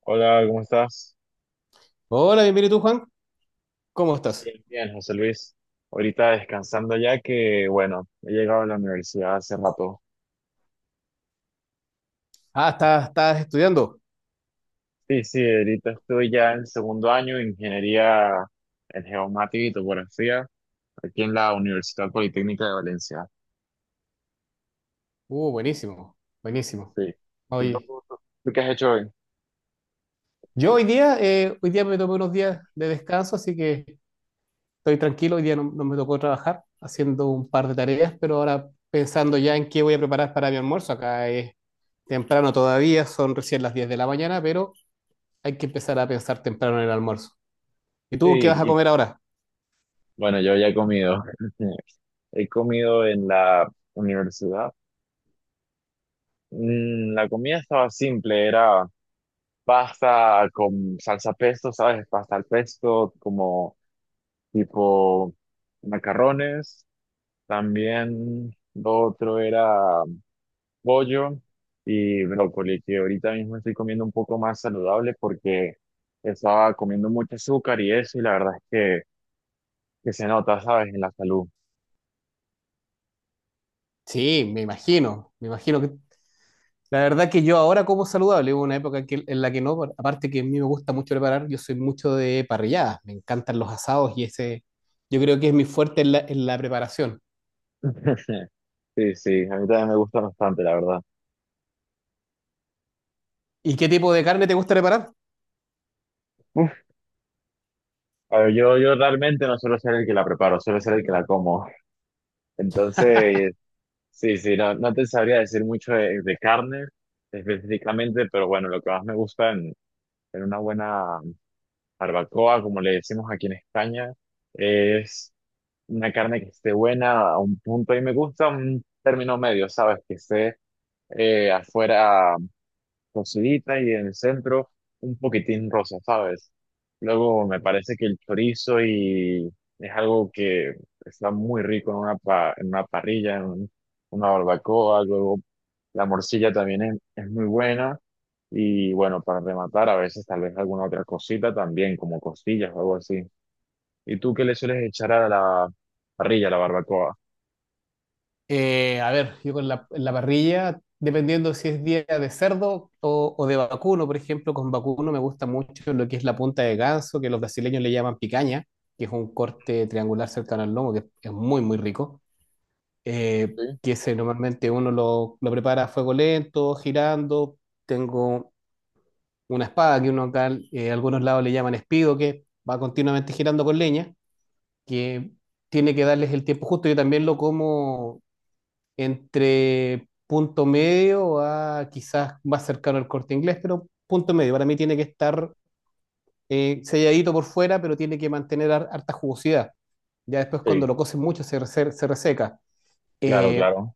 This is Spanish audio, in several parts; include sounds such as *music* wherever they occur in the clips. Hola, ¿cómo estás? Hola, bienvenido tú, Juan. ¿Cómo estás? Bien, bien, José Luis. Ahorita descansando ya que, bueno, he llegado a la universidad hace rato. Ah, estás estudiando. Sí, sí, ahorita estoy ya en segundo año de ingeniería en geomática y topografía aquí en la Universidad Politécnica de Valencia. Buenísimo, buenísimo. Sí. ¿Y tú, Hoy, tú qué has hecho hoy? yo hoy día, me tomé unos días de descanso, así que estoy tranquilo. Hoy día no me tocó trabajar haciendo un par de tareas, pero ahora pensando ya en qué voy a preparar para mi almuerzo. Acá es temprano todavía, son recién las 10 de la mañana, pero hay que empezar a pensar temprano en el almuerzo. ¿Y Sí, tú qué vas a y comer ahora? bueno, yo ya he comido. *laughs* He comido en la universidad. La comida estaba simple, era pasta con salsa pesto, ¿sabes? Pasta al pesto, como tipo macarrones. También lo otro era pollo y brócoli, que ahorita mismo estoy comiendo un poco más saludable porque estaba comiendo mucho azúcar y eso, y la verdad es que se nota, ¿sabes? En la salud. Sí, me imagino, me imagino. La verdad que yo ahora como saludable, hubo una época en la que no, aparte que a mí me gusta mucho preparar, yo soy mucho de parrilladas, me encantan los asados y ese, yo creo que es mi fuerte en la preparación. *laughs* Sí, sí, a mí también me gusta bastante, la verdad. ¿Y qué tipo de carne te gusta preparar? Uf, a ver, yo realmente no suelo ser el que la preparo, suelo ser el que la como. Entonces, sí, sí, no te sabría decir mucho de carne específicamente, pero bueno, lo que más me gusta en una buena barbacoa, como le decimos aquí en España, es una carne que esté buena a un punto. Y me gusta un término medio, ¿sabes? Que esté afuera cocidita y en el centro un poquitín rosa, ¿sabes? Luego me parece que el chorizo y es algo que está muy rico en una, en una parrilla, una barbacoa, luego la morcilla también es muy buena y bueno, para rematar a veces tal vez alguna otra cosita también, como costillas o algo así. ¿Y tú qué le sueles echar a la parrilla, a la barbacoa? A ver, yo en la parrilla, dependiendo si es día de cerdo o de vacuno, por ejemplo, con vacuno me gusta mucho lo que es la punta de ganso, que los brasileños le llaman picaña, que es un corte triangular cercano al lomo, que es muy, muy rico. Sí. Que ese normalmente uno lo prepara a fuego lento, girando. Tengo una espada que uno acá, algunos lados le llaman espido, que va continuamente girando con leña, que tiene que darles el tiempo justo. Yo también lo como entre punto medio a quizás más cercano al corte inglés, pero punto medio. Para mí tiene que estar selladito por fuera, pero tiene que mantener harta jugosidad. Ya después cuando Sí, lo coces mucho se reseca. claro, Eh, claro.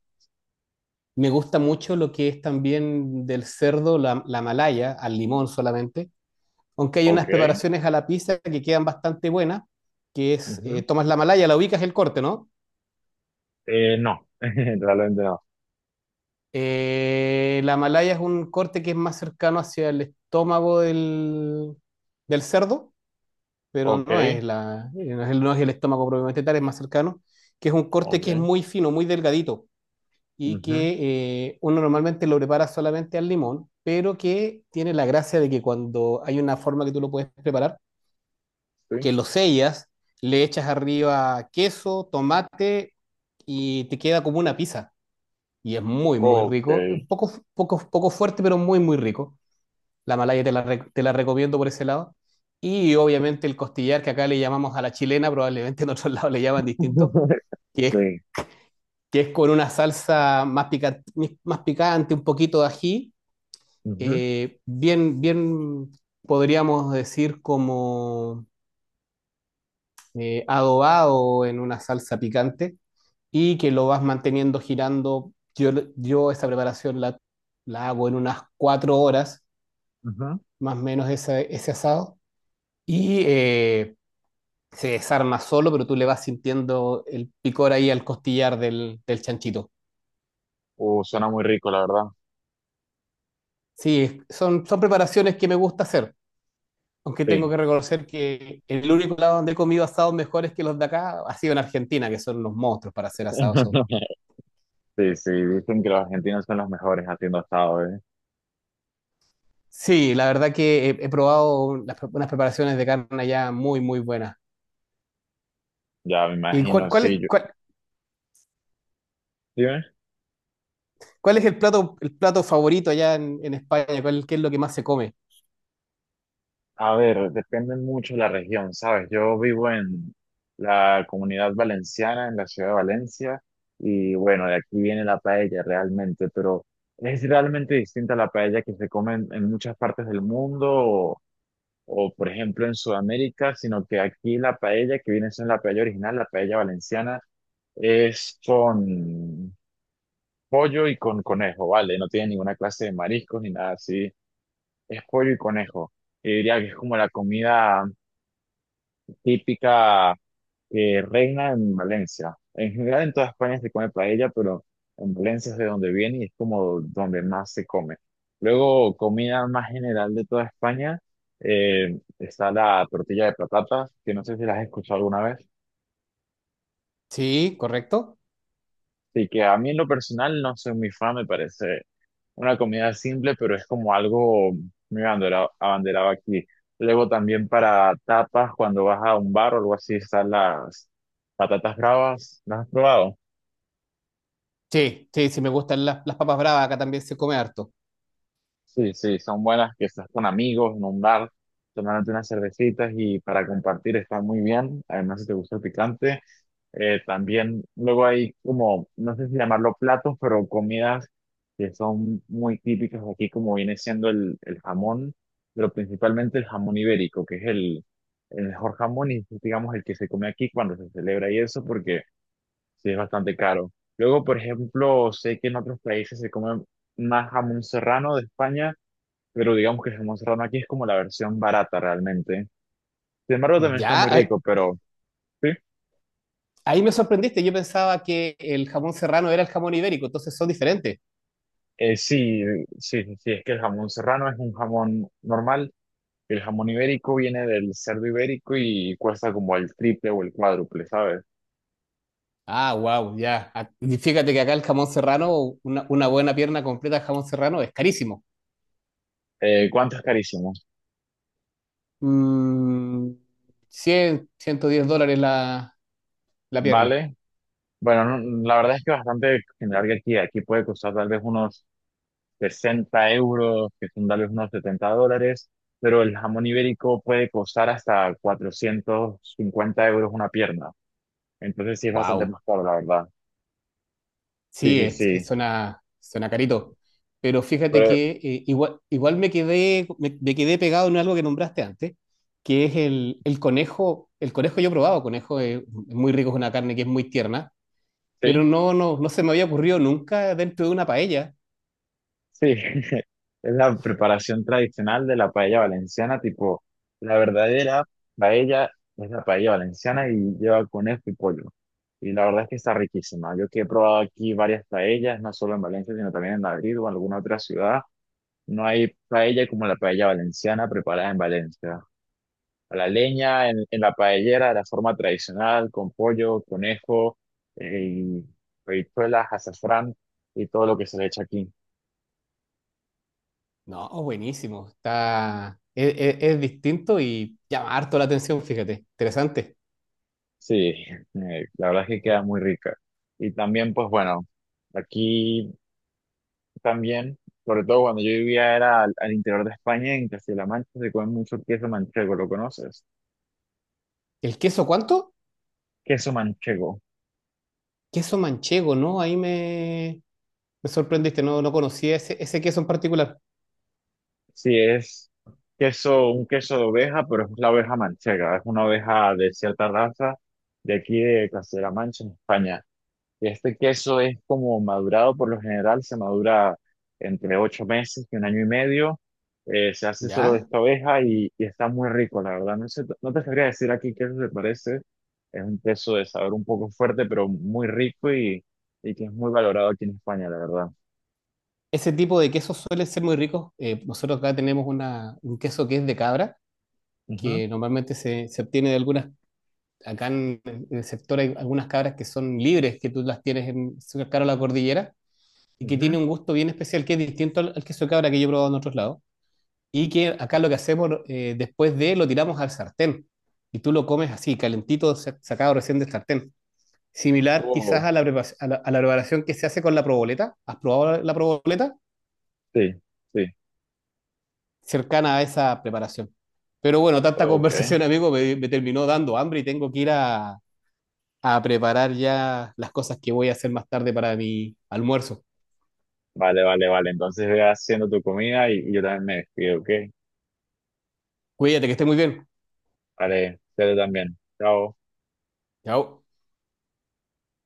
Me gusta mucho lo que es también del cerdo, la malaya, al limón solamente, aunque hay unas Ok. preparaciones a la pizza que quedan bastante buenas, Ujú. tomas la malaya, la ubicas el corte, ¿no? No, *laughs* realmente no. La malaya es un corte que es más cercano hacia el estómago del cerdo, pero Ok. no es, la, no es el, no es el estómago propiamente tal, es más cercano, que es un corte que es Ok. muy fino, muy delgadito. Y Ujú, que uno normalmente lo prepara solamente al limón, pero que tiene la gracia de que cuando hay una forma que tú lo puedes preparar, sí. que lo sellas, le echas arriba queso, tomate y te queda como una pizza. Y es muy, muy Ok. rico. Un poco, poco, poco fuerte, pero muy, muy rico. La malaya te la recomiendo por ese lado. Y obviamente el costillar, que acá le llamamos a la chilena, probablemente en otros *laughs* lados le llaman distinto, *laughs* que es, Sí. que es con una salsa más picante, un poquito de ají, Ujú, bien, bien podríamos decir como adobado en una salsa picante y que lo vas manteniendo girando. Yo esa preparación la hago en unas 4 horas, ujú. más o menos ese asado, y se desarma solo, pero tú le vas sintiendo el picor ahí al costillar del chanchito. Suena muy rico, la verdad. Sí, son preparaciones que me gusta hacer. Aunque tengo Sí. que reconocer que el único lado donde he comido asados mejores que los de acá ha sido en Argentina, que son unos monstruos para hacer asados. *laughs* Sí, sí, dicen que los argentinos son los mejores haciendo asado, ¿eh? Sí, la verdad que he probado unas preparaciones de carne allá muy, muy buenas. Ya me ¿Y cuál, imagino, cuál sí. es, Yo, cuál, ¿sí ves? cuál es el plato, favorito allá en España? ¿Qué es lo que más se come? A ver, depende mucho de la región, ¿sabes? Yo vivo en la comunidad valenciana, en la ciudad de Valencia, y bueno, de aquí viene la paella realmente, pero es realmente distinta a la paella que se come en muchas partes del mundo o por ejemplo en Sudamérica, sino que aquí la paella que viene siendo la paella original, la paella valenciana, es con pollo y con conejo, ¿vale? No tiene ninguna clase de mariscos ni nada así, es pollo y conejo. Y diría que es como la comida típica que reina en Valencia. En general en toda España se come paella, pero en Valencia es de donde viene y es como donde más se come. Luego, comida más general de toda España, está la tortilla de patatas, que no sé si las has escuchado alguna vez. Sí, correcto. Sí que a mí en lo personal no soy muy fan, me parece una comida simple, pero es como algo muy abanderado aquí. Luego también para tapas, cuando vas a un bar o algo así, están las patatas bravas. ¿Las has probado? Sí, sí, sí, me gustan las papas bravas, acá también se come harto. Sí, sí, son buenas que estás con amigos en un bar, tomándote unas cervecitas y para compartir está muy bien. Además, si te gusta el picante, también luego hay como, no sé si llamarlo platos, pero comidas que son muy típicas de aquí, como viene siendo el jamón, pero principalmente el jamón ibérico, que es el mejor jamón y digamos el que se come aquí cuando se celebra y eso, porque sí es bastante caro. Luego, por ejemplo, sé que en otros países se come más jamón serrano de España, pero digamos que el jamón serrano aquí es como la versión barata realmente. Sin embargo, también está Ya, muy ahí, rico, pero sí. ahí me sorprendiste, yo pensaba que el jamón serrano era el jamón ibérico, entonces son diferentes. Sí, sí, sí, sí, es que el jamón serrano es un jamón normal. El jamón ibérico viene del cerdo ibérico y cuesta como el triple o el cuádruple, ¿sabes? Ah, wow, ya. Ah, y fíjate que acá el jamón serrano, una buena pierna completa de jamón serrano es carísimo. ¿Cuánto es carísimo? Mm, 100, $110 la, pierna. ¿Vale? Bueno, no- la verdad es que bastante general que aquí. Aquí puede costar tal vez unos 60 euros, que son tal vez unos 70 dólares, pero el jamón ibérico puede costar hasta 450 euros una pierna. Entonces sí es bastante Wow. más caro, la verdad. Sí, Sí, sí, sí. suena carito. Pero fíjate Pero que igual me quedé, me quedé pegado en algo que nombraste antes, que es el conejo. El conejo yo he probado, conejo es muy rico, es una carne que es muy tierna, pero sí, no se me había ocurrido nunca dentro de una paella. sí. *laughs* Es la preparación tradicional de la paella valenciana, tipo, la verdadera paella es la paella valenciana y lleva conejo y pollo. Y la verdad es que está riquísima. Yo que he probado aquí varias paellas, no solo en Valencia, sino también en Madrid o en alguna otra ciudad. No hay paella como la paella valenciana preparada en Valencia. A la leña, en la paellera, de la forma tradicional, con pollo, conejo, y habichuelas, azafrán y todo lo que se le echa aquí. No, buenísimo. Es distinto y llama harto la atención, fíjate. Interesante. Sí, *laughs* la verdad es que queda muy rica. Y también, pues bueno, aquí también, sobre todo cuando yo vivía era al, al interior de España, en Castilla-La Mancha, se come mucho queso manchego, ¿lo conoces? ¿El queso cuánto? Queso manchego. Queso manchego, ¿no? Ahí me sorprendiste, no conocía ese queso en particular. Sí, es queso, un queso de oveja, pero es la oveja manchega. Es una oveja de cierta raza de aquí de Castilla-La Mancha, en España. Y este queso es como madurado, por lo general se madura entre 8 meses y un año y medio. Se hace solo de ¿Ya? esta oveja y está muy rico, la verdad. No sé, no te sabría decir aquí qué se parece. Es un queso de sabor un poco fuerte, pero muy rico y que es muy valorado aquí en España, la verdad. Ese tipo de quesos suelen ser muy ricos. Nosotros acá tenemos un queso que es de cabra, Ujú, que normalmente se obtiene de algunas, acá en, el sector hay algunas cabras que son libres, que tú las tienes cercano a la cordillera, y que ujú. tiene un gusto bien especial, que es distinto al queso de cabra que yo he probado en otros lados, y que acá lo que hacemos después de lo tiramos al sartén y tú lo comes así, calentito, sacado recién del sartén. Similar quizás Oh, a la, a la preparación que se hace con la proboleta. ¿Has probado la, la sí, sí. Cercana a esa preparación. Pero bueno, tanta *laughs* Ok. conversación, amigo, me terminó dando hambre y tengo que ir a preparar ya las cosas que voy a hacer más tarde para mi almuerzo. Vale, vale, vale. Entonces ve haciendo tu comida y yo también me despido, ¿ok? Cuídate, que esté muy bien. Vale, ustedes también. Chao. Chao.